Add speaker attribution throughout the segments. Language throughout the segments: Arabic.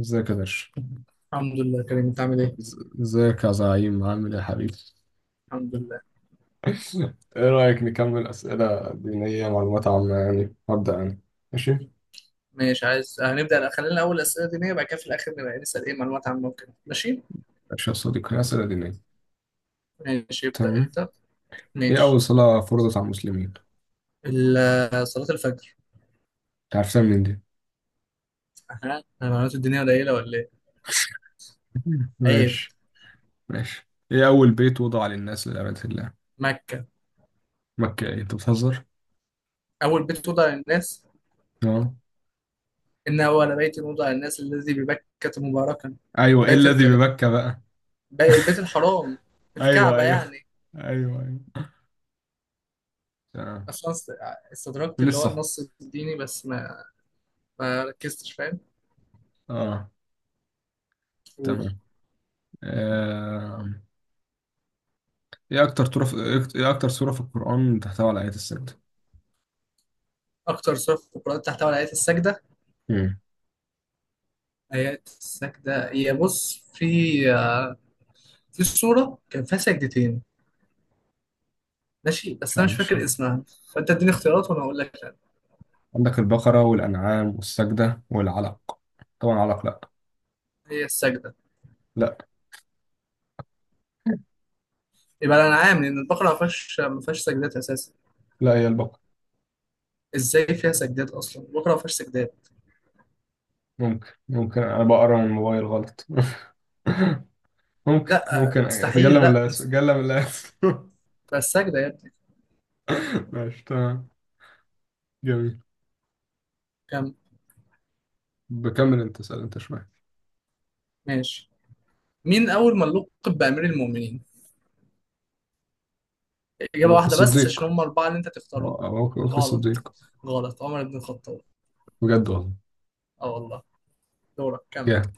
Speaker 1: ازيك يا درش.
Speaker 2: الحمد لله كريم، انت عامل ايه؟
Speaker 1: ازيك يا زعيم، عامل ايه يا حبيبي؟
Speaker 2: الحمد لله.
Speaker 1: ايه رأيك نكمل أسئلة دينية معلومات عامة؟ يعني هبدأ أنا. ماشي.
Speaker 2: ماشي، عايز هنبدأ. لا، خلينا الأول أسئلة دينية، بعد كده في الآخر نبقى نسأل ايه معلومات عامة وكده، ماشي؟
Speaker 1: ماشي يا صديقي، أسئلة دينية.
Speaker 2: ماشي، ابدأ
Speaker 1: تمام.
Speaker 2: انت.
Speaker 1: ايه أول
Speaker 2: ماشي.
Speaker 1: صلاة فرضت على المسلمين؟ أنت
Speaker 2: صلاة الفجر.
Speaker 1: عرفتها منين دي؟
Speaker 2: ها، المعلومات الدينية قليلة ولا ايه؟ عيب.
Speaker 1: ماشي. ماشي، ايه أول بيت وضع للناس لعبادة الله؟
Speaker 2: مكة.
Speaker 1: مكة؟ ايه أنت بتهزر؟
Speaker 2: أول بيت وضع للناس.
Speaker 1: اه.
Speaker 2: إن أول بيت وضع للناس الذي ببكة مباركا.
Speaker 1: أيوه، ايه
Speaker 2: البيت
Speaker 1: الذي
Speaker 2: ال...
Speaker 1: بمكة بقى؟
Speaker 2: البيت الحرام.
Speaker 1: أيوه
Speaker 2: الكعبة
Speaker 1: أيوه.
Speaker 2: يعني.
Speaker 1: أيوه أيوه. تمام.
Speaker 2: أصلا است- استدركت
Speaker 1: من
Speaker 2: اللي هو
Speaker 1: الصح.
Speaker 2: النص الديني، بس ما ركزتش، فاهم؟
Speaker 1: اه.
Speaker 2: قول.
Speaker 1: تمام. آه. ايه اكتر تورة في... ايه اكتر سورة في القرآن تحتوي على آيات السجدة؟
Speaker 2: أكتر سورة في القرآن تحتوي على آية السجدة.
Speaker 1: امم
Speaker 2: هي السجدة، هي بص في آه، في صورة كان فيها سجدتين. ماشي
Speaker 1: مش
Speaker 2: بس أنا
Speaker 1: عارف،
Speaker 2: مش
Speaker 1: مش
Speaker 2: فاكر
Speaker 1: عارف.
Speaker 2: اسمها. فأنت اديني اختيارات وأنا أقول لك أنا.
Speaker 1: عندك البقرة والأنعام والسجدة والعلق. طبعا علق لا.
Speaker 2: هي السجدة.
Speaker 1: لا،
Speaker 2: يبقى الأنعام، لأن البقرة ما فيهاش سجدات أساسا.
Speaker 1: لا البقرة.
Speaker 2: إزاي فيها سجدات، أصلا البقرة ما فيهاش سجدات.
Speaker 1: ممكن ممكن، انا بقرا من الموبايل غلط. ممكن
Speaker 2: لا
Speaker 1: ممكن اتجلى
Speaker 2: مستحيل،
Speaker 1: من
Speaker 2: لا
Speaker 1: الاسف، اتجلى من الاسف.
Speaker 2: بس سجدة يا ابني.
Speaker 1: ماشي تمام. جميل.
Speaker 2: كم.
Speaker 1: بكمل انت، اسال انت شويه.
Speaker 2: ماشي. مين أول من لقب بأمير المؤمنين؟ إجابة
Speaker 1: ابو بكر
Speaker 2: واحدة بس،
Speaker 1: الصديق.
Speaker 2: عشان هم الأربعة اللي أنت تختارهم.
Speaker 1: ابو بكر
Speaker 2: غلط.
Speaker 1: الصديق.
Speaker 2: غلط، عمر بن الخطاب.
Speaker 1: بجد والله؟
Speaker 2: أه والله. دورك، كمل.
Speaker 1: جامد.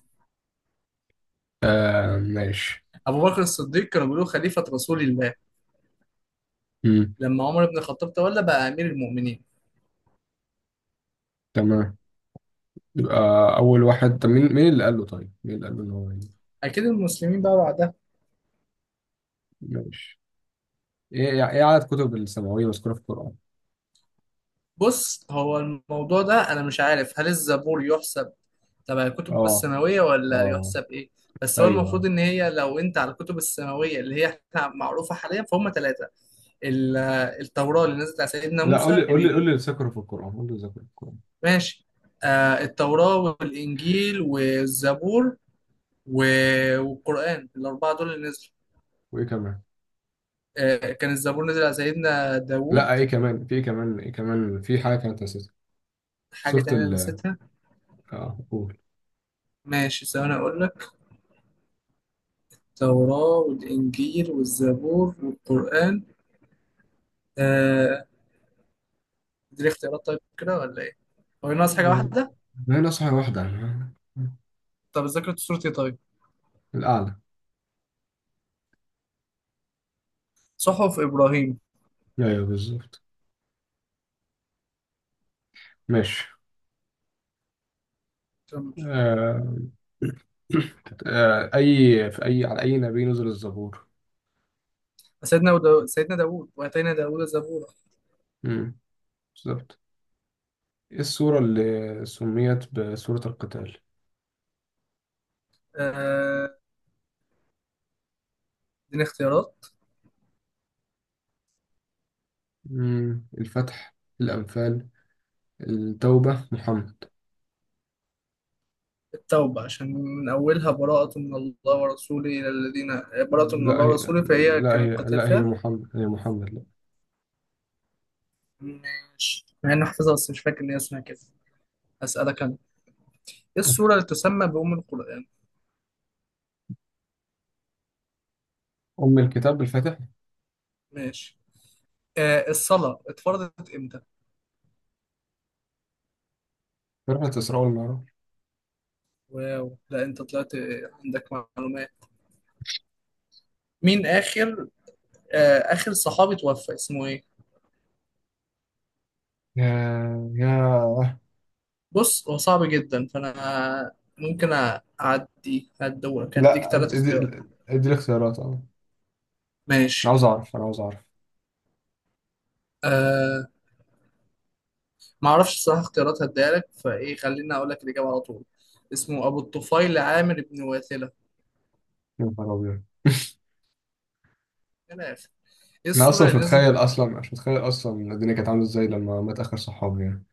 Speaker 1: آه ماشي.
Speaker 2: أبو بكر الصديق كانوا بيقولوا خليفة رسول الله.
Speaker 1: مم.
Speaker 2: لما عمر بن الخطاب تولى بقى امير المؤمنين.
Speaker 1: تمام. يبقى أول واحد. طب مين، اللي قال له؟ طيب، مين اللي قال له إن
Speaker 2: اكيد المسلمين بقى بعدها.
Speaker 1: ماشي. إيه، إيه عدد كتب السماوية مذكورة في القرآن؟
Speaker 2: بص، هو الموضوع ده انا مش عارف هل الزبور يحسب تبع الكتب
Speaker 1: آه.
Speaker 2: السماويه ولا
Speaker 1: آه.
Speaker 2: يحسب ايه. بس هو المفروض
Speaker 1: أيوه.
Speaker 2: ان هي، لو انت على الكتب السماويه اللي هي احنا معروفه حاليا، فهم ثلاثه. ال- التوراه اللي نزلت على سيدنا
Speaker 1: لا
Speaker 2: موسى
Speaker 1: قول لي، قول لي قول لي اللي ذكره في القرآن، قول لي اللي ذكره في القرآن.
Speaker 2: ماشي. آه، التوراه والانجيل والزبور و- والقران، الاربعه دول اللي نزلوا.
Speaker 1: وإيه كمان؟
Speaker 2: آه كان الزبور نزل على سيدنا
Speaker 1: لا
Speaker 2: داوود.
Speaker 1: إيه كمان؟ في إيه كمان؟ إيه كمان؟ في حاجة كانت نسيتها.
Speaker 2: حاجه
Speaker 1: سورة
Speaker 2: تانية
Speaker 1: ال،
Speaker 2: نسيتها.
Speaker 1: آه قول.
Speaker 2: ماشي، ثواني أقول لك. التوراة والإنجيل والزبور والقرآن. آه. دي اختيارات طيب، كده ولا إيه؟ هو ناقص حاجة واحدة؟
Speaker 1: ما هي نصحى واحدة أنا.
Speaker 2: طب ذاكرة سورة إيه طيب؟
Speaker 1: الأعلى.
Speaker 2: صحف إبراهيم.
Speaker 1: أيوه بالظبط. ماشي.
Speaker 2: كمل.
Speaker 1: آه. آه. أي في أي على أي نبي نزل الزبور؟
Speaker 2: سيدنا داوود، وآتينا داوود زبورا.
Speaker 1: مم. بالظبط. إيه السورة اللي سميت بسورة القتال؟
Speaker 2: آه. دي اختيارات.
Speaker 1: مم. الفتح، الأنفال، التوبة، محمد.
Speaker 2: التوبة، عشان من أولها براءة من الله ورسوله إلى الذين، براءة من
Speaker 1: لا
Speaker 2: الله ورسوله، فهي كان القتال
Speaker 1: هي
Speaker 2: فيها.
Speaker 1: محمد، هي محمد لا.
Speaker 2: ماشي مع إني حافظها، بس مش فاكر إن هي اسمها كده. هسألك أنا. إيه السورة اللي تسمى بأم القرآن؟
Speaker 1: أم الكتاب، الفاتح.
Speaker 2: ماشي. آه، الصلاة اتفرضت امتى؟
Speaker 1: فرقة إسراء والمعراج.
Speaker 2: واو، لا انت طلعت عندك معلومات. مين اخر اخر صحابي توفى اسمه ايه؟
Speaker 1: يا يا
Speaker 2: بص، هو صعب جدا فانا ممكن اعدي، هدورك هديك
Speaker 1: لا
Speaker 2: ثلاث
Speaker 1: ادي،
Speaker 2: اختيارات
Speaker 1: ادي الاختيارات. اه أنا
Speaker 2: ماشي.
Speaker 1: عاوز أعرف، أنا عاوز أعرف.
Speaker 2: أه، ما اعرفش الصراحة، اختيارات هديها لك فايه، خليني اقول لك الاجابة على طول. اسمه ابو الطفيل عامر بن واثلة.
Speaker 1: يا نهار أبيض.
Speaker 2: من الاخر. ايه
Speaker 1: أنا أصلا
Speaker 2: السورة
Speaker 1: مش
Speaker 2: اللي نزلت.
Speaker 1: متخيل، أصلا مش متخيل أصلا الدنيا كانت عاملة إزاي لما مات آخر صحابي يعني؟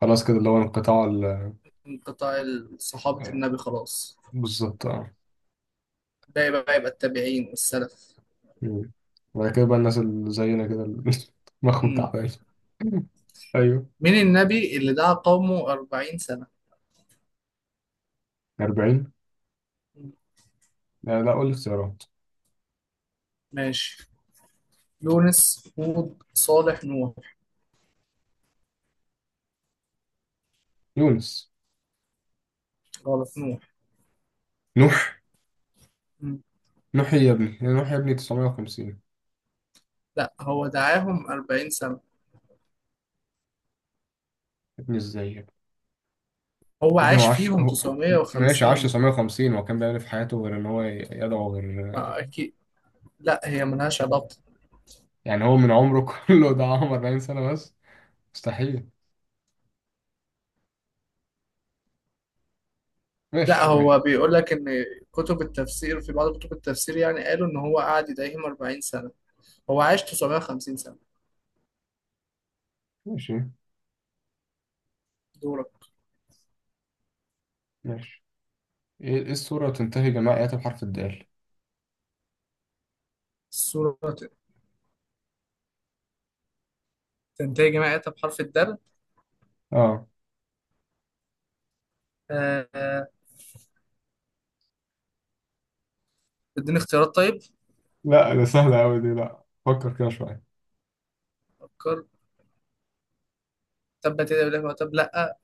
Speaker 1: خلاص كده اللي هو انقطاع
Speaker 2: من قطاع صحابة النبي خلاص.
Speaker 1: بالظبط اه.
Speaker 2: ده يبقى التابعين والسلف.
Speaker 1: مم. وبعد كده بقى الناس اللي زينا كده اللي مخهم تعبان. ايوه.
Speaker 2: مين النبي اللي دعا قومه 40 سنة؟
Speaker 1: 40.
Speaker 2: مم.
Speaker 1: لا لا، قول لي اختيارات.
Speaker 2: ماشي. يونس، هود، صالح، نوح.
Speaker 1: يونس.
Speaker 2: غلط، نوح.
Speaker 1: نوح.
Speaker 2: مم.
Speaker 1: نوح يا ابني، يا نوح يا ابني، 950 يا
Speaker 2: لا، هو دعاهم 40 سنة.
Speaker 1: ابني. ازاي يا ابني،
Speaker 2: هو
Speaker 1: يا ابني هو
Speaker 2: عاش
Speaker 1: عاش
Speaker 2: فيهم
Speaker 1: هو.
Speaker 2: تسعمية
Speaker 1: ماشي عاش
Speaker 2: وخمسين
Speaker 1: 950، هو كان بيعمل إيه في حياته غير ان هو يدعو؟ غير
Speaker 2: آه، أكيد. لا هي ملهاش علاقة.
Speaker 1: يعني، هو من عمره كله ده عمر 40 سنة بس؟ مستحيل.
Speaker 2: لا
Speaker 1: ماشي
Speaker 2: هو
Speaker 1: ماشي.
Speaker 2: بيقول لك إن كتب التفسير، في بعض كتب التفسير يعني، قالوا إن هو قعد يدعيهم 40 سنة. هو عاش 950 سنة.
Speaker 1: ماشي
Speaker 2: دورك.
Speaker 1: ماشي. ايه، السورة تنتهي جميع آياتها بحرف الدال؟
Speaker 2: السورة تنتهي جماعة بحرف الدال.
Speaker 1: اه.
Speaker 2: آه آه، اديني اختيارات طيب.
Speaker 1: لا ده سهلة أوي دي، لا فكر كده شوية.
Speaker 2: فكر. تبت يدي ابي لهب وتب، لا.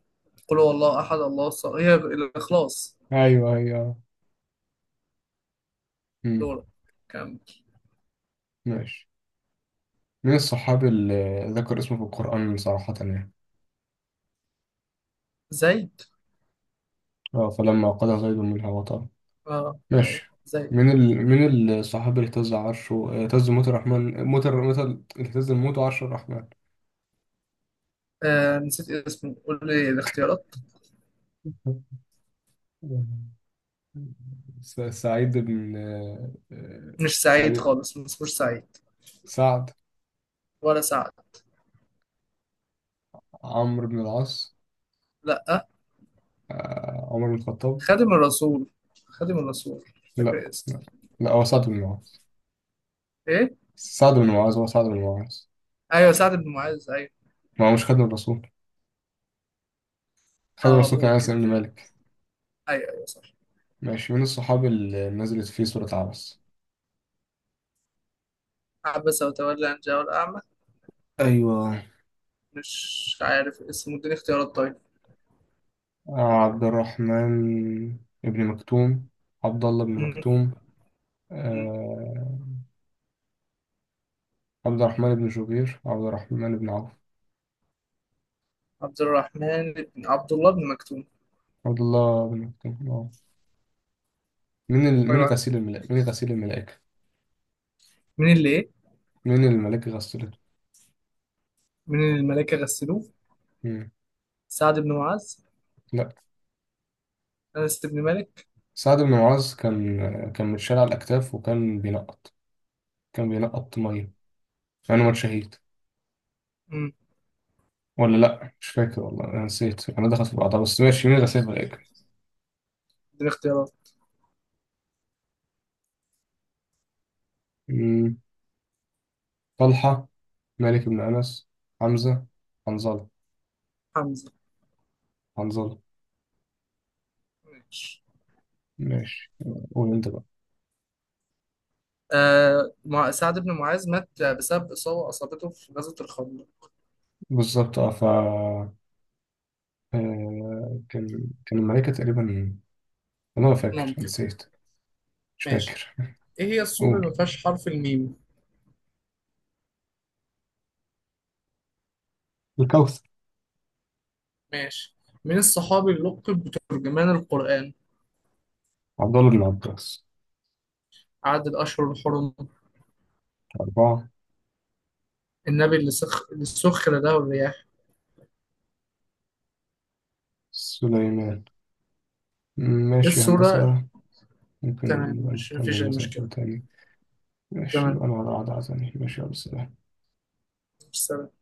Speaker 2: قل هو الله احد الله الصمد، هي الاخلاص.
Speaker 1: ايوه ايوه.
Speaker 2: دور. كم.
Speaker 1: ماشي، من الصحابي اللي ذكر اسمه في القرآن صراحة يعني؟
Speaker 2: زيد.
Speaker 1: اه، فلما قضى زيد منها وطرا.
Speaker 2: اه ايوه
Speaker 1: ماشي،
Speaker 2: زيد.
Speaker 1: من الصحابي اللي اهتز عرشه؟ آه، اهتز موت الرحمن موت الر- مثل اهتز الموت وعرش الرحمن.
Speaker 2: آه نسيت اسمه، قول لي الاختيارات.
Speaker 1: سعيد بن، آه، آه،
Speaker 2: مش سعيد
Speaker 1: سعيد
Speaker 2: خالص، ما اسموش سعيد
Speaker 1: سعد.
Speaker 2: ولا سعد.
Speaker 1: عمرو بن العاص.
Speaker 2: لا.
Speaker 1: آه، عمر بن الخطاب.
Speaker 2: خادم الرسول، خادم الرسول مش
Speaker 1: لا
Speaker 2: فاكر اسمه.
Speaker 1: لا. لا هو سعد بن معاذ.
Speaker 2: ايه.
Speaker 1: سعد بن معاذ، هو سعد بن معاذ.
Speaker 2: ايوه سعد بن معاذ ايوه.
Speaker 1: ما هو مش خادم الرسول، خادم
Speaker 2: اه
Speaker 1: الرسول كان أنس
Speaker 2: ممكن.
Speaker 1: بن مالك.
Speaker 2: ايوه ايوه صح.
Speaker 1: ماشي، من الصحاب اللي نزلت فيه صورة عبس؟
Speaker 2: عبس وتولى ان جاءه الاعمى.
Speaker 1: ايوه.
Speaker 2: مش عارف اسمه، اديني اختيارات طيب.
Speaker 1: آه، عبد الرحمن ابن مكتوم، عبد الله بن
Speaker 2: م-
Speaker 1: مكتوم.
Speaker 2: م.
Speaker 1: آه، عبد الرحمن بن جبير، عبد الرحمن بن عوف.
Speaker 2: عبد الرحمن بن عبد الله بن مكتوم.
Speaker 1: عبد الله بن مكتوم، اه.
Speaker 2: طيب،
Speaker 1: من
Speaker 2: عارف.
Speaker 1: غسيل الملائكة، من غسيل الملائكة.
Speaker 2: مين اللي ايه.
Speaker 1: من الملائكة غسلته؟
Speaker 2: من الملائكة غسلوه؟
Speaker 1: مم.
Speaker 2: سعد بن معاذ.
Speaker 1: لا،
Speaker 2: أنس بن مالك.
Speaker 1: سعد بن معاذ كان، متشال على الأكتاف وكان بينقط، كان بينقط مية. أنا مات شهيد
Speaker 2: امم
Speaker 1: ولا لأ مش فاكر والله، أنا نسيت، أنا دخلت في بعضها. بس ماشي، من غسيل
Speaker 2: دي الاختيارات.
Speaker 1: الملائكة؟ طلحة، مالك بن أنس، حمزة، حنظلة.
Speaker 2: حمزة.
Speaker 1: حنظلة.
Speaker 2: ماشي.
Speaker 1: ماشي. قول أنت بقى.
Speaker 2: سعد بن معاذ مات بسبب إصابة أصابته في غزوة الخندق.
Speaker 1: بالظبط. أه ف، آه، كان، الملكة تقريبا، أنا لا فاكر،
Speaker 2: ممكن.
Speaker 1: نسيت، مش
Speaker 2: ماشي.
Speaker 1: فاكر.
Speaker 2: إيه هي السورة اللي
Speaker 1: قول.
Speaker 2: ما فيهاش حرف الميم؟
Speaker 1: الكوثر.
Speaker 2: ماشي. من الصحابي اللي لقب بترجمان القرآن؟
Speaker 1: عبد الله بن عباس.
Speaker 2: عدد الأشهر الحرم.
Speaker 1: أربعة.
Speaker 2: النبي اللي سخر له الرياح.
Speaker 1: سليمان.
Speaker 2: إيه
Speaker 1: ماشي يا
Speaker 2: السورة.
Speaker 1: هندسة. ممكن
Speaker 2: تمام،
Speaker 1: نبقى
Speaker 2: مش مفيش
Speaker 1: نكمل
Speaker 2: أي
Speaker 1: مثلا
Speaker 2: مشكلة.
Speaker 1: في تاني. ماشي
Speaker 2: تمام.
Speaker 1: أنا هقعد على عادة تاني. ماشي يا أبو السلام.
Speaker 2: سلام.